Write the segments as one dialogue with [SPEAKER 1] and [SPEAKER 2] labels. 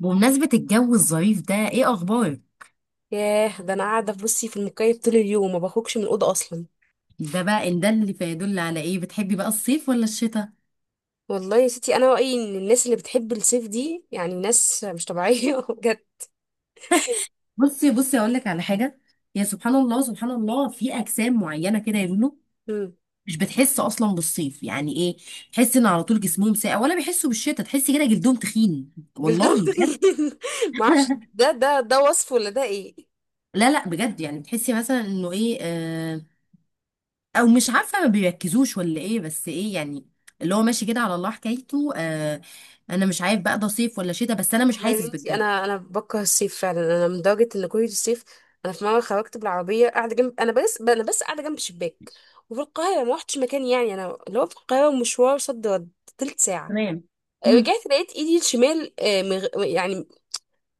[SPEAKER 1] بمناسبة الجو الظريف ده ايه اخبارك؟
[SPEAKER 2] ياه، ده انا قاعده بصي في المكيف طول اليوم، ما بخرجش من الاوضه اصلا.
[SPEAKER 1] ده بقى ان ده اللي فيدل على ايه. بتحبي بقى الصيف ولا الشتاء؟
[SPEAKER 2] والله يا ستي، انا رايي ان الناس اللي بتحب الصيف دي يعني ناس مش طبيعيه بجد.
[SPEAKER 1] بصي بصي، اقول لك على حاجة. يا سبحان الله سبحان الله، في اجسام معينة كده يا لولو،
[SPEAKER 2] مم.
[SPEAKER 1] مش بتحس اصلا بالصيف. يعني ايه؟ تحس ان على طول جسمهم ساقع، ولا بيحسوا بالشتاء تحسي كده جلدهم تخين.
[SPEAKER 2] جلدهم
[SPEAKER 1] والله بجد.
[SPEAKER 2] تخين ما اعرفش، ده وصف ولا ده ايه؟
[SPEAKER 1] لا لا، بجد يعني بتحسي مثلا انه ايه. او مش عارفه، ما بيركزوش ولا ايه، بس ايه يعني، اللي هو ماشي كده على الله حكايته. انا مش عارف بقى ده صيف ولا شتاء، بس انا مش
[SPEAKER 2] والله يا
[SPEAKER 1] حاسس
[SPEAKER 2] بنتي،
[SPEAKER 1] بالجو.
[SPEAKER 2] انا بكره الصيف فعلا، انا من درجه ان كل الصيف انا في مره خرجت بالعربيه قاعده جنب، انا بس قاعده جنب شباك، وفي القاهره ما روحتش مكان. يعني انا لو في القاهره مشوار صد رد تلت ساعه،
[SPEAKER 1] تمام. مم.
[SPEAKER 2] رجعت لقيت ايدي الشمال يعني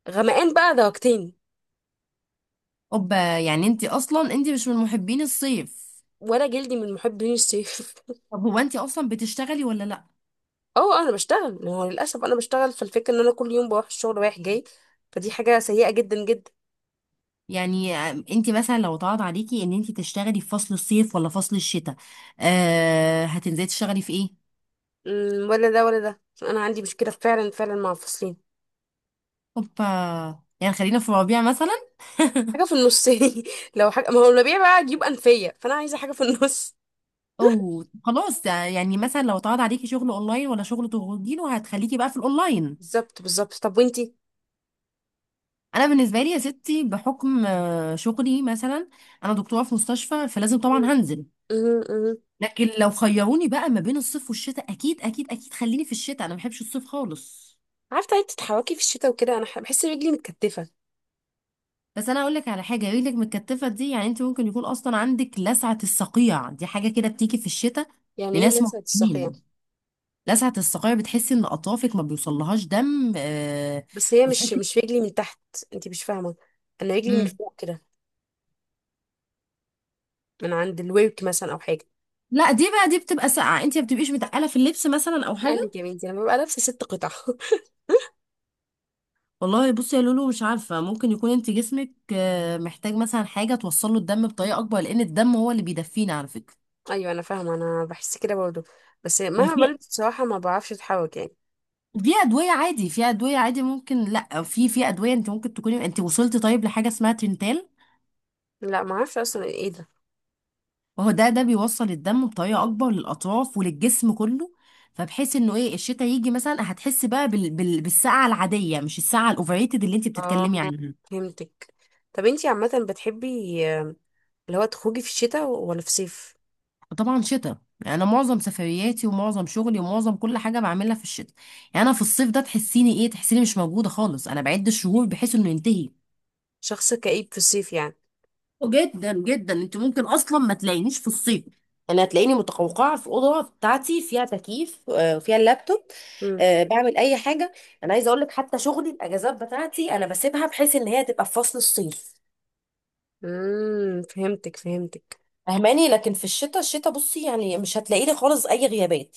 [SPEAKER 2] غمقان بقى درجتين.
[SPEAKER 1] اوبا، يعني انت اصلا انت مش من محبين الصيف.
[SPEAKER 2] ولا جلدي من محبين الصيف.
[SPEAKER 1] طب هو انت اصلا بتشتغلي ولا لا؟
[SPEAKER 2] اه انا بشتغل، ما هو للاسف انا بشتغل، فالفكره ان انا كل يوم بروح الشغل رايح جاي، فدي حاجه سيئه جدا جدا.
[SPEAKER 1] يعني انت مثلا لو اتعرض عليكي ان انت تشتغلي في فصل الصيف ولا فصل الشتاء، آه، هتنزلي تشتغلي في ايه؟
[SPEAKER 2] ولا ده ولا ده، انا عندي مشكله فعلا فعلا مع الفصلين.
[SPEAKER 1] اوبا، يعني خلينا في الربيع مثلا.
[SPEAKER 2] حاجه في النص. لو حاجه، ما هو الربيع بقى يجيب انفيه، فانا عايزه حاجه في النص.
[SPEAKER 1] او خلاص، يعني مثلا لو اتعرض عليكي شغل اونلاين ولا شغل تخرجي له، هتخليكي بقى في الاونلاين.
[SPEAKER 2] بالظبط بالظبط، طب وانتي؟
[SPEAKER 1] انا بالنسبه لي يا ستي بحكم شغلي مثلا، انا دكتوره في مستشفى، فلازم طبعا
[SPEAKER 2] مم.
[SPEAKER 1] هنزل.
[SPEAKER 2] مم، مم.
[SPEAKER 1] لكن لو خيروني بقى ما بين الصيف والشتاء، اكيد اكيد اكيد خليني في الشتاء، انا ما بحبش الصيف خالص.
[SPEAKER 2] عارفه انت تتحركي في الشتاء وكده، انا بحس رجلي متكتفه.
[SPEAKER 1] بس انا اقول لك على حاجه، رجلك متكتفه دي يعني انت ممكن يكون اصلا عندك لسعه الصقيع، دي حاجه كده بتيجي في الشتاء
[SPEAKER 2] يعني ايه
[SPEAKER 1] لناس
[SPEAKER 2] لسه هتساقي يعني؟
[SPEAKER 1] معينين. لسعه الصقيع بتحسي ان اطرافك ما بيوصلهاش دم.
[SPEAKER 2] بس هي مش
[SPEAKER 1] وتحسي.
[SPEAKER 2] مش رجلي من تحت، انت مش فاهمه. انا رجلي من
[SPEAKER 1] مم.
[SPEAKER 2] فوق كده، من عند الورك مثلا او حاجه.
[SPEAKER 1] لا دي بقى، دي بتبقى ساقعه، انت ما بتبقيش متقله في اللبس مثلا او
[SPEAKER 2] قال
[SPEAKER 1] حاجه.
[SPEAKER 2] لك يا بنتي لما ببقى لابسه ست قطع
[SPEAKER 1] والله بصي يا لولو، مش عارفه، ممكن يكون انت جسمك محتاج مثلا حاجه توصل له الدم بطريقه اكبر، لان الدم هو اللي بيدفينا على فكره.
[SPEAKER 2] ايوه انا فاهمه، انا بحس كده برضه، بس
[SPEAKER 1] ما
[SPEAKER 2] مهما
[SPEAKER 1] في،
[SPEAKER 2] بلبس بصراحه ما بعرفش اتحرك يعني.
[SPEAKER 1] دي ادويه عادي، في ادويه عادي ممكن، لا في ادويه، انت ممكن تكوني انت وصلتي طيب لحاجه اسمها تنتال.
[SPEAKER 2] لا ما اعرفش اصلا ايه ده.
[SPEAKER 1] وهو ده بيوصل الدم بطريقه اكبر للاطراف وللجسم كله. فبحيث انه ايه الشتاء يجي مثلا، هتحسي بقى بالسقعه العاديه، مش السقعه الاوفريتد اللي انت
[SPEAKER 2] اه
[SPEAKER 1] بتتكلمي عنها.
[SPEAKER 2] فهمتك. طب انتي عامه بتحبي آه، اللي هو تخرجي في الشتاء ولا في الصيف؟
[SPEAKER 1] وطبعا شتاء. انا معظم سفرياتي ومعظم شغلي ومعظم كل حاجه بعملها في الشتاء. يعني انا في الصيف ده تحسيني ايه، تحسيني مش موجوده خالص، انا بعد الشهور بحيث انه ينتهي.
[SPEAKER 2] شخص كئيب في الصيف يعني.
[SPEAKER 1] جدا جدا، انت ممكن اصلا ما تلاقينيش في الصيف. انا هتلاقيني متقوقعه في الاوضه بتاعتي، فيها تكييف وفيها اللابتوب،
[SPEAKER 2] امم.
[SPEAKER 1] بعمل اي حاجه. انا عايزه اقول لك، حتى شغلي الاجازات بتاعتي انا بسيبها بحيث ان هي تبقى في فصل الصيف،
[SPEAKER 2] امم، فهمتك فهمتك.
[SPEAKER 1] فاهماني؟ لكن في الشتاء، بصي يعني مش هتلاقي لي خالص اي غيابات.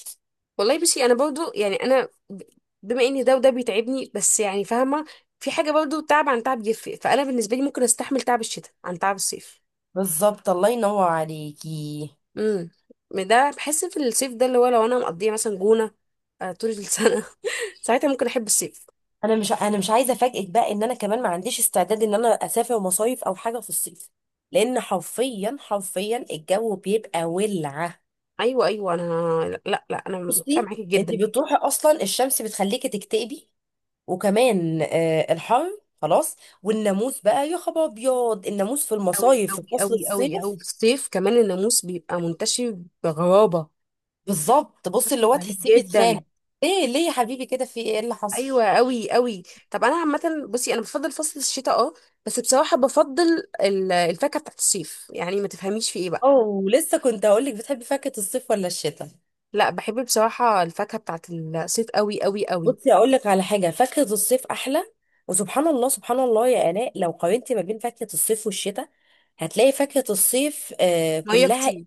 [SPEAKER 2] والله بصي، انا برضه يعني انا، بما ان ده وده بيتعبني، بس يعني فاهمه في حاجه برضه، تعب عن تعب يفرق، فانا بالنسبه لي ممكن استحمل تعب الشتاء عن تعب الصيف.
[SPEAKER 1] بالظبط، الله ينور عليكي.
[SPEAKER 2] امم. ده بحس في الصيف ده، اللي هو لو انا مقضيه مثلا جونه طول السنه ساعتها ممكن احب الصيف.
[SPEAKER 1] انا مش عايزه افاجئك بقى ان انا كمان ما عنديش استعداد ان انا اسافر مصايف او حاجه في الصيف، لان حرفيا حرفيا الجو بيبقى ولعه.
[SPEAKER 2] ايوه ايوه انا. لا لا لا، انا متفقه
[SPEAKER 1] بصي
[SPEAKER 2] معاكي
[SPEAKER 1] انت
[SPEAKER 2] جدا.
[SPEAKER 1] بتروحي اصلا، الشمس بتخليكي تكتئبي، وكمان الحر خلاص. والناموس بقى، يا خبر ابيض الناموس في
[SPEAKER 2] قوي
[SPEAKER 1] المصايف في
[SPEAKER 2] قوي
[SPEAKER 1] فصل
[SPEAKER 2] قوي قوي قوي،
[SPEAKER 1] الصيف.
[SPEAKER 2] في الصيف كمان الناموس بيبقى منتشر بغرابه.
[SPEAKER 1] بالظبط. بصي، اللي
[SPEAKER 2] شكله
[SPEAKER 1] هو
[SPEAKER 2] غريب
[SPEAKER 1] تحسيه بيتخانق.
[SPEAKER 2] جدا.
[SPEAKER 1] ليه ليه يا حبيبي كده، في ايه اللي
[SPEAKER 2] ايوه
[SPEAKER 1] حصل؟
[SPEAKER 2] قوي قوي. طب انا عامه بصي، انا بفضل فصل الشتاء اه، بس بصراحه بفضل الفاكهه بتاعت الصيف، يعني ما تفهميش في ايه بقى.
[SPEAKER 1] اوه، لسه كنت هقول لك، بتحبي فاكهة الصيف ولا الشتاء؟
[SPEAKER 2] لا بحب بصراحه الفاكهه بتاعت الصيف قوي قوي قوي.
[SPEAKER 1] بصي اقول لك على حاجة، فاكهة الصيف احلى. وسبحان الله سبحان الله يا آلاء، لو قارنتي ما بين فاكهة الصيف والشتاء، هتلاقي فاكهة الصيف
[SPEAKER 2] ميه
[SPEAKER 1] كلها
[SPEAKER 2] كتير.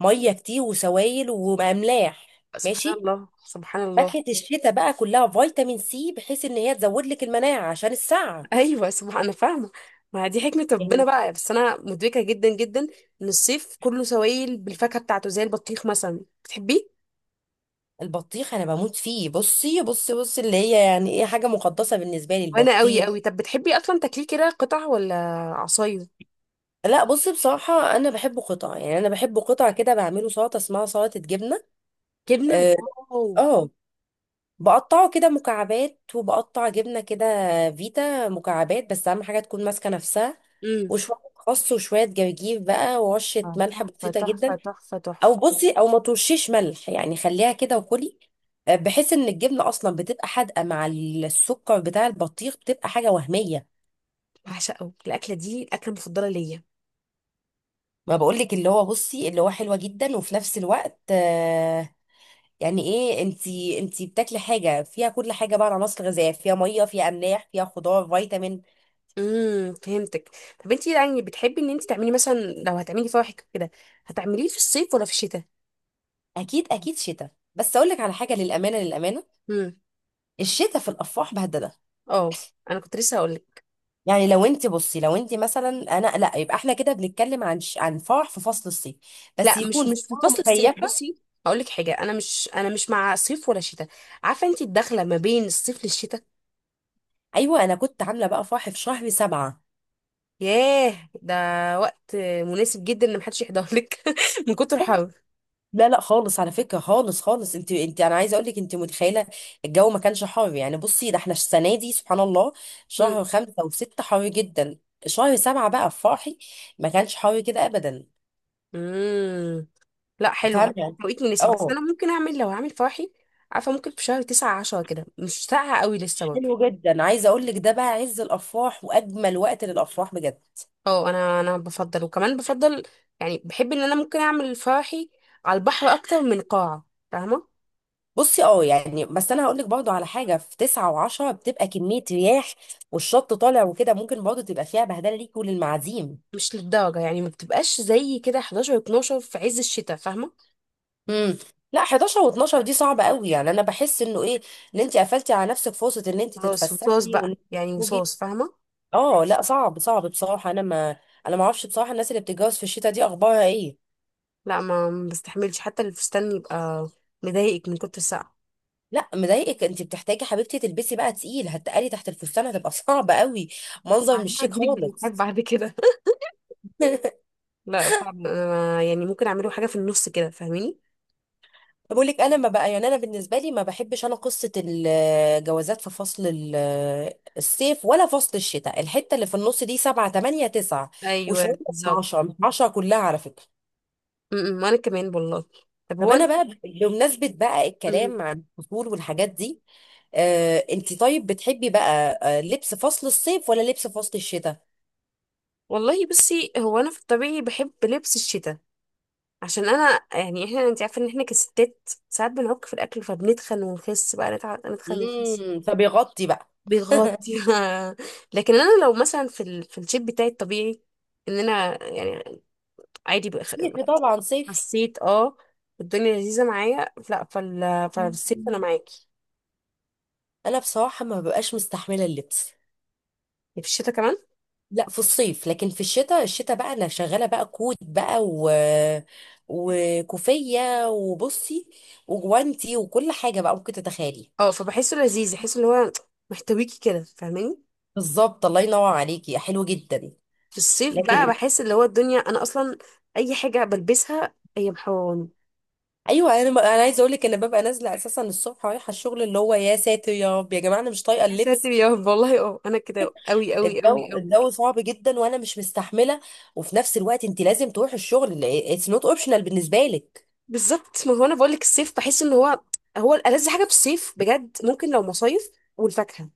[SPEAKER 1] ميه كتير وسوائل واملاح،
[SPEAKER 2] سبحان
[SPEAKER 1] ماشي؟
[SPEAKER 2] الله سبحان الله.
[SPEAKER 1] فاكهه الشتاء بقى كلها فيتامين سي، بحيث ان هي تزود لك المناعه عشان السقعه،
[SPEAKER 2] ايوه سبحان، انا فاهمه. ما دي حكمه ربنا
[SPEAKER 1] يعني.
[SPEAKER 2] بقى، بس انا مدركه جدا جدا ان الصيف كله سوائل بالفاكهه بتاعته، زي البطيخ مثلا بتحبيه.
[SPEAKER 1] البطيخ انا بموت فيه، بصي بصي بصي، اللي هي يعني ايه، حاجه مقدسه بالنسبه لي
[SPEAKER 2] وانا قوي
[SPEAKER 1] البطيخ.
[SPEAKER 2] قوي. طب بتحبي اصلا تاكليه كده قطع ولا عصاير؟
[SPEAKER 1] لا بصي، بصراحه انا بحبه قطع، يعني انا بحبه قطع كده، بعمله سلطه اسمها سلطه جبنه.
[SPEAKER 2] جبنه؟
[SPEAKER 1] اه.
[SPEAKER 2] واو.
[SPEAKER 1] آه. بقطعه كده مكعبات، وبقطع جبنة كده فيتا مكعبات، بس أهم حاجة تكون ماسكة نفسها،
[SPEAKER 2] امم.
[SPEAKER 1] وشوية خس وشوية جرجير بقى، ورشة ملح
[SPEAKER 2] تحفه
[SPEAKER 1] بسيطة
[SPEAKER 2] تحفه
[SPEAKER 1] جدا.
[SPEAKER 2] تحفه
[SPEAKER 1] أو
[SPEAKER 2] تحفه.
[SPEAKER 1] بصي، أو ما ترشيش ملح يعني، خليها كده وكلي، بحيث إن الجبنة أصلا بتبقى حادقة مع السكر بتاع البطيخ، بتبقى حاجة وهمية.
[SPEAKER 2] بعشقه الاكله دي، الاكله المفضله ليا.
[SPEAKER 1] ما بقولك، اللي هو بصي، اللي هو حلوة جدا، وفي نفس الوقت يعني ايه، انتي بتاكلي حاجة فيها كل حاجة بقى، عناصر غذائية، فيها مية، فيها أملاح، فيها خضار، فيتامين.
[SPEAKER 2] فهمتك. طب انتي يعني بتحبي ان انتي تعملي، مثلا لو هتعملي فواحك كده، هتعمليه في الصيف ولا في الشتاء؟
[SPEAKER 1] اكيد اكيد شتاء، بس اقول لك على حاجه، للامانه للامانه
[SPEAKER 2] امم،
[SPEAKER 1] الشتاء في الافراح بهدله.
[SPEAKER 2] اه انا كنت لسه هقول.
[SPEAKER 1] يعني لو انت بصي، لو انت مثلا، انا لا، يبقى احنا كده بنتكلم عن عن فرح في فصل الصيف، بس
[SPEAKER 2] لا، مش
[SPEAKER 1] يكون
[SPEAKER 2] مش في
[SPEAKER 1] فرح
[SPEAKER 2] فصل الصيف
[SPEAKER 1] مكيفه.
[SPEAKER 2] بصي. هقول لك حاجه، انا مش مع صيف ولا شتاء. عارفه انت الدخله ما بين الصيف للشتاء؟
[SPEAKER 1] ايوه، انا كنت عامله بقى فرح في شهر سبعة.
[SPEAKER 2] ياه ده، وقت مناسب جدا ان محدش يحضر لك من كتر الحر.
[SPEAKER 1] لا لا خالص، على فكره، خالص خالص، انت انا عايزه اقول لك، انت متخيله الجو ما كانش حر يعني؟ بصي ده احنا السنه دي سبحان الله،
[SPEAKER 2] مم.
[SPEAKER 1] شهر خمسة وستة حر جدا، شهر سبعة بقى في فرحي ما كانش حر كده ابدا.
[SPEAKER 2] مم. لا حلو،
[SPEAKER 1] فاهمه.
[SPEAKER 2] توقيت مناسب، بس
[SPEAKER 1] اه،
[SPEAKER 2] انا ممكن اعمل، لو هعمل فرحي، عارفه، ممكن في شهر 9 10 كده، مش ساقعه قوي لسه برضه.
[SPEAKER 1] حلو جدا. عايزه اقول لك، ده بقى عز الافراح واجمل وقت للافراح بجد.
[SPEAKER 2] اه انا بفضل، وكمان بفضل، يعني بحب ان انا ممكن اعمل فرحي على البحر اكتر من قاعه، فاهمه.
[SPEAKER 1] بصي، يعني بس انا هقول لك برضو على حاجه، في تسعة وعشرة بتبقى كميه رياح والشط طالع وكده، ممكن برضو تبقى فيها بهدله ليكي وللمعازيم.
[SPEAKER 2] مش للدرجة، يعني ما بتبقاش زي كده 11 12 في عز الشتاء، فاهمة؟
[SPEAKER 1] امم. لا، 11 و12 دي صعبه قوي، يعني انا بحس انه ايه، ان انت قفلتي على نفسك فرصه ان انت
[SPEAKER 2] خلاص وصاص
[SPEAKER 1] تتفسحي
[SPEAKER 2] بقى،
[SPEAKER 1] وان انت
[SPEAKER 2] يعني
[SPEAKER 1] تخرجي.
[SPEAKER 2] وصاص، فاهمة.
[SPEAKER 1] اه لا، صعب صعب بصراحه، انا ما اعرفش بصراحه الناس اللي بتتجوز في الشتاء دي اخبارها ايه.
[SPEAKER 2] لا ما بستحملش حتى الفستان، يبقى مضايقك من كتر السقعة.
[SPEAKER 1] لا مضايقك، انت بتحتاجي حبيبتي تلبسي بقى تقيل، هتقلي تحت الفستان، هتبقى صعبة قوي، منظر
[SPEAKER 2] بعدين
[SPEAKER 1] مش شيك
[SPEAKER 2] هتجيلك بالحاجات
[SPEAKER 1] خالص.
[SPEAKER 2] بعد كده. لا فعلا، أنا يعني ممكن اعمله حاجة في النص كده، فاهميني.
[SPEAKER 1] بقول لك انا ما بقى يعني، انا بالنسبه لي ما بحبش انا قصه الجوازات في فصل الصيف ولا فصل الشتاء، الحته اللي في النص دي 7 8 9
[SPEAKER 2] ايوه
[SPEAKER 1] وشويه،
[SPEAKER 2] بالظبط.
[SPEAKER 1] 12 10 كلها على فكره.
[SPEAKER 2] م- م، وانا كمان والله. طب
[SPEAKER 1] طب
[SPEAKER 2] هو
[SPEAKER 1] انا
[SPEAKER 2] انت.
[SPEAKER 1] بقى بمناسبه بقى
[SPEAKER 2] م-
[SPEAKER 1] الكلام عن الفصول والحاجات دي، آه، انت طيب بتحبي بقى لبس فصل الصيف ولا لبس فصل الشتاء؟
[SPEAKER 2] والله بصي، هو انا في الطبيعي بحب لبس الشتاء، عشان انا يعني، احنا انت عارفه ان احنا كستات ساعات بنعك في الاكل، فبنتخن ونخس بقى، نتخن ونخس.
[SPEAKER 1] فبيغطي بقى.
[SPEAKER 2] بيغطي. لكن انا لو مثلا في الشيب بتاعي الطبيعي، ان انا يعني عادي،
[SPEAKER 1] صيفي طبعا، صيف.
[SPEAKER 2] حسيت اه الدنيا لذيذه معايا، لا فالصيف انا معاكي.
[SPEAKER 1] انا بصراحه ما ببقاش مستحمله اللبس،
[SPEAKER 2] يعني في الشتاء كمان
[SPEAKER 1] لا في الصيف، لكن في الشتاء، بقى انا شغاله بقى كوت بقى و... وكوفيه وبصي وجوانتي، وكل حاجه بقى ممكن تتخيلي.
[SPEAKER 2] اه، فبحسه لذيذ، بحس اللي هو محتويكي كده، فاهماني.
[SPEAKER 1] بالظبط، الله ينور عليكي، حلو جدا.
[SPEAKER 2] في الصيف بقى
[SPEAKER 1] لكن
[SPEAKER 2] بحس اللي هو الدنيا، انا اصلا اي حاجه بلبسها هي محوراني.
[SPEAKER 1] ايوه، انا عايزه اقول لك، انا ببقى نازله اساسا الصبح رايحه الشغل، اللي هو يا ساتر يا رب، يا جماعه انا مش طايقه
[SPEAKER 2] يا ساتر
[SPEAKER 1] اللبس.
[SPEAKER 2] يا رب، والله اه انا كده قوي قوي قوي
[SPEAKER 1] الجو
[SPEAKER 2] قوي.
[SPEAKER 1] صعب جدا، وانا مش مستحمله، وفي نفس الوقت انت لازم تروحي الشغل، اتس نوت اوبشنال بالنسبه لك.
[SPEAKER 2] بالظبط، ما هو انا بقول لك، الصيف بحس ان هو، هو الألذ حاجه، في الصيف بجد ممكن لو مصايف والفاكهه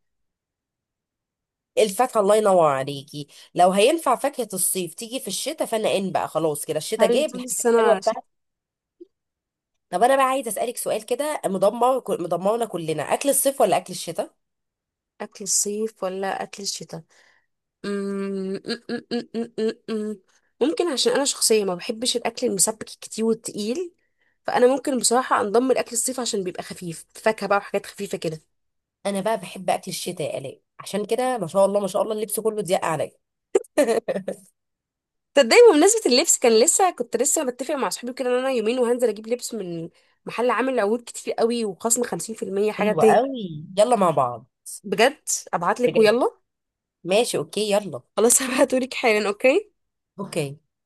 [SPEAKER 1] الفاكهه، الله ينور عليكي. لو هينفع فاكهه الصيف تيجي في الشتاء، فانا ان بقى خلاص كده الشتاء
[SPEAKER 2] هل
[SPEAKER 1] جاب
[SPEAKER 2] طول
[SPEAKER 1] الحاجات الحلوه
[SPEAKER 2] السنه.
[SPEAKER 1] بتاعتك. طب انا بقى عايزه اسالك سؤال كده مدمر، مدمرنا كلنا، اكل الصيف ولا اكل الشتاء؟
[SPEAKER 2] اكل الصيف ولا اكل الشتاء؟ أمم، أم، أم، أم، أم، أم، أم. ممكن، عشان انا شخصيه ما بحبش الاكل المسبك كتير والتقيل، فانا ممكن بصراحه انضم لاكل الصيف، عشان بيبقى خفيف، فاكهه بقى وحاجات خفيفه كده.
[SPEAKER 1] انا بقى بحب اكل الشتاء يا الاء، عشان كده ما شاء الله ما شاء الله اللبس كله ضيق عليا.
[SPEAKER 2] تصدقي بمناسبه اللبس، كان لسه كنت لسه بتفق مع صحابي كده ان انا يومين وهنزل اجيب لبس من محل عامل عروض كتير قوي وخصم 50% حاجه.
[SPEAKER 1] حلو قوي، يلا مع بعض.
[SPEAKER 2] بجد ابعتلك
[SPEAKER 1] بجد.
[SPEAKER 2] ويلا.
[SPEAKER 1] ماشي، اوكي، يلا.
[SPEAKER 2] خلاص هبعتهولك حالا. اوكي.
[SPEAKER 1] اوكي.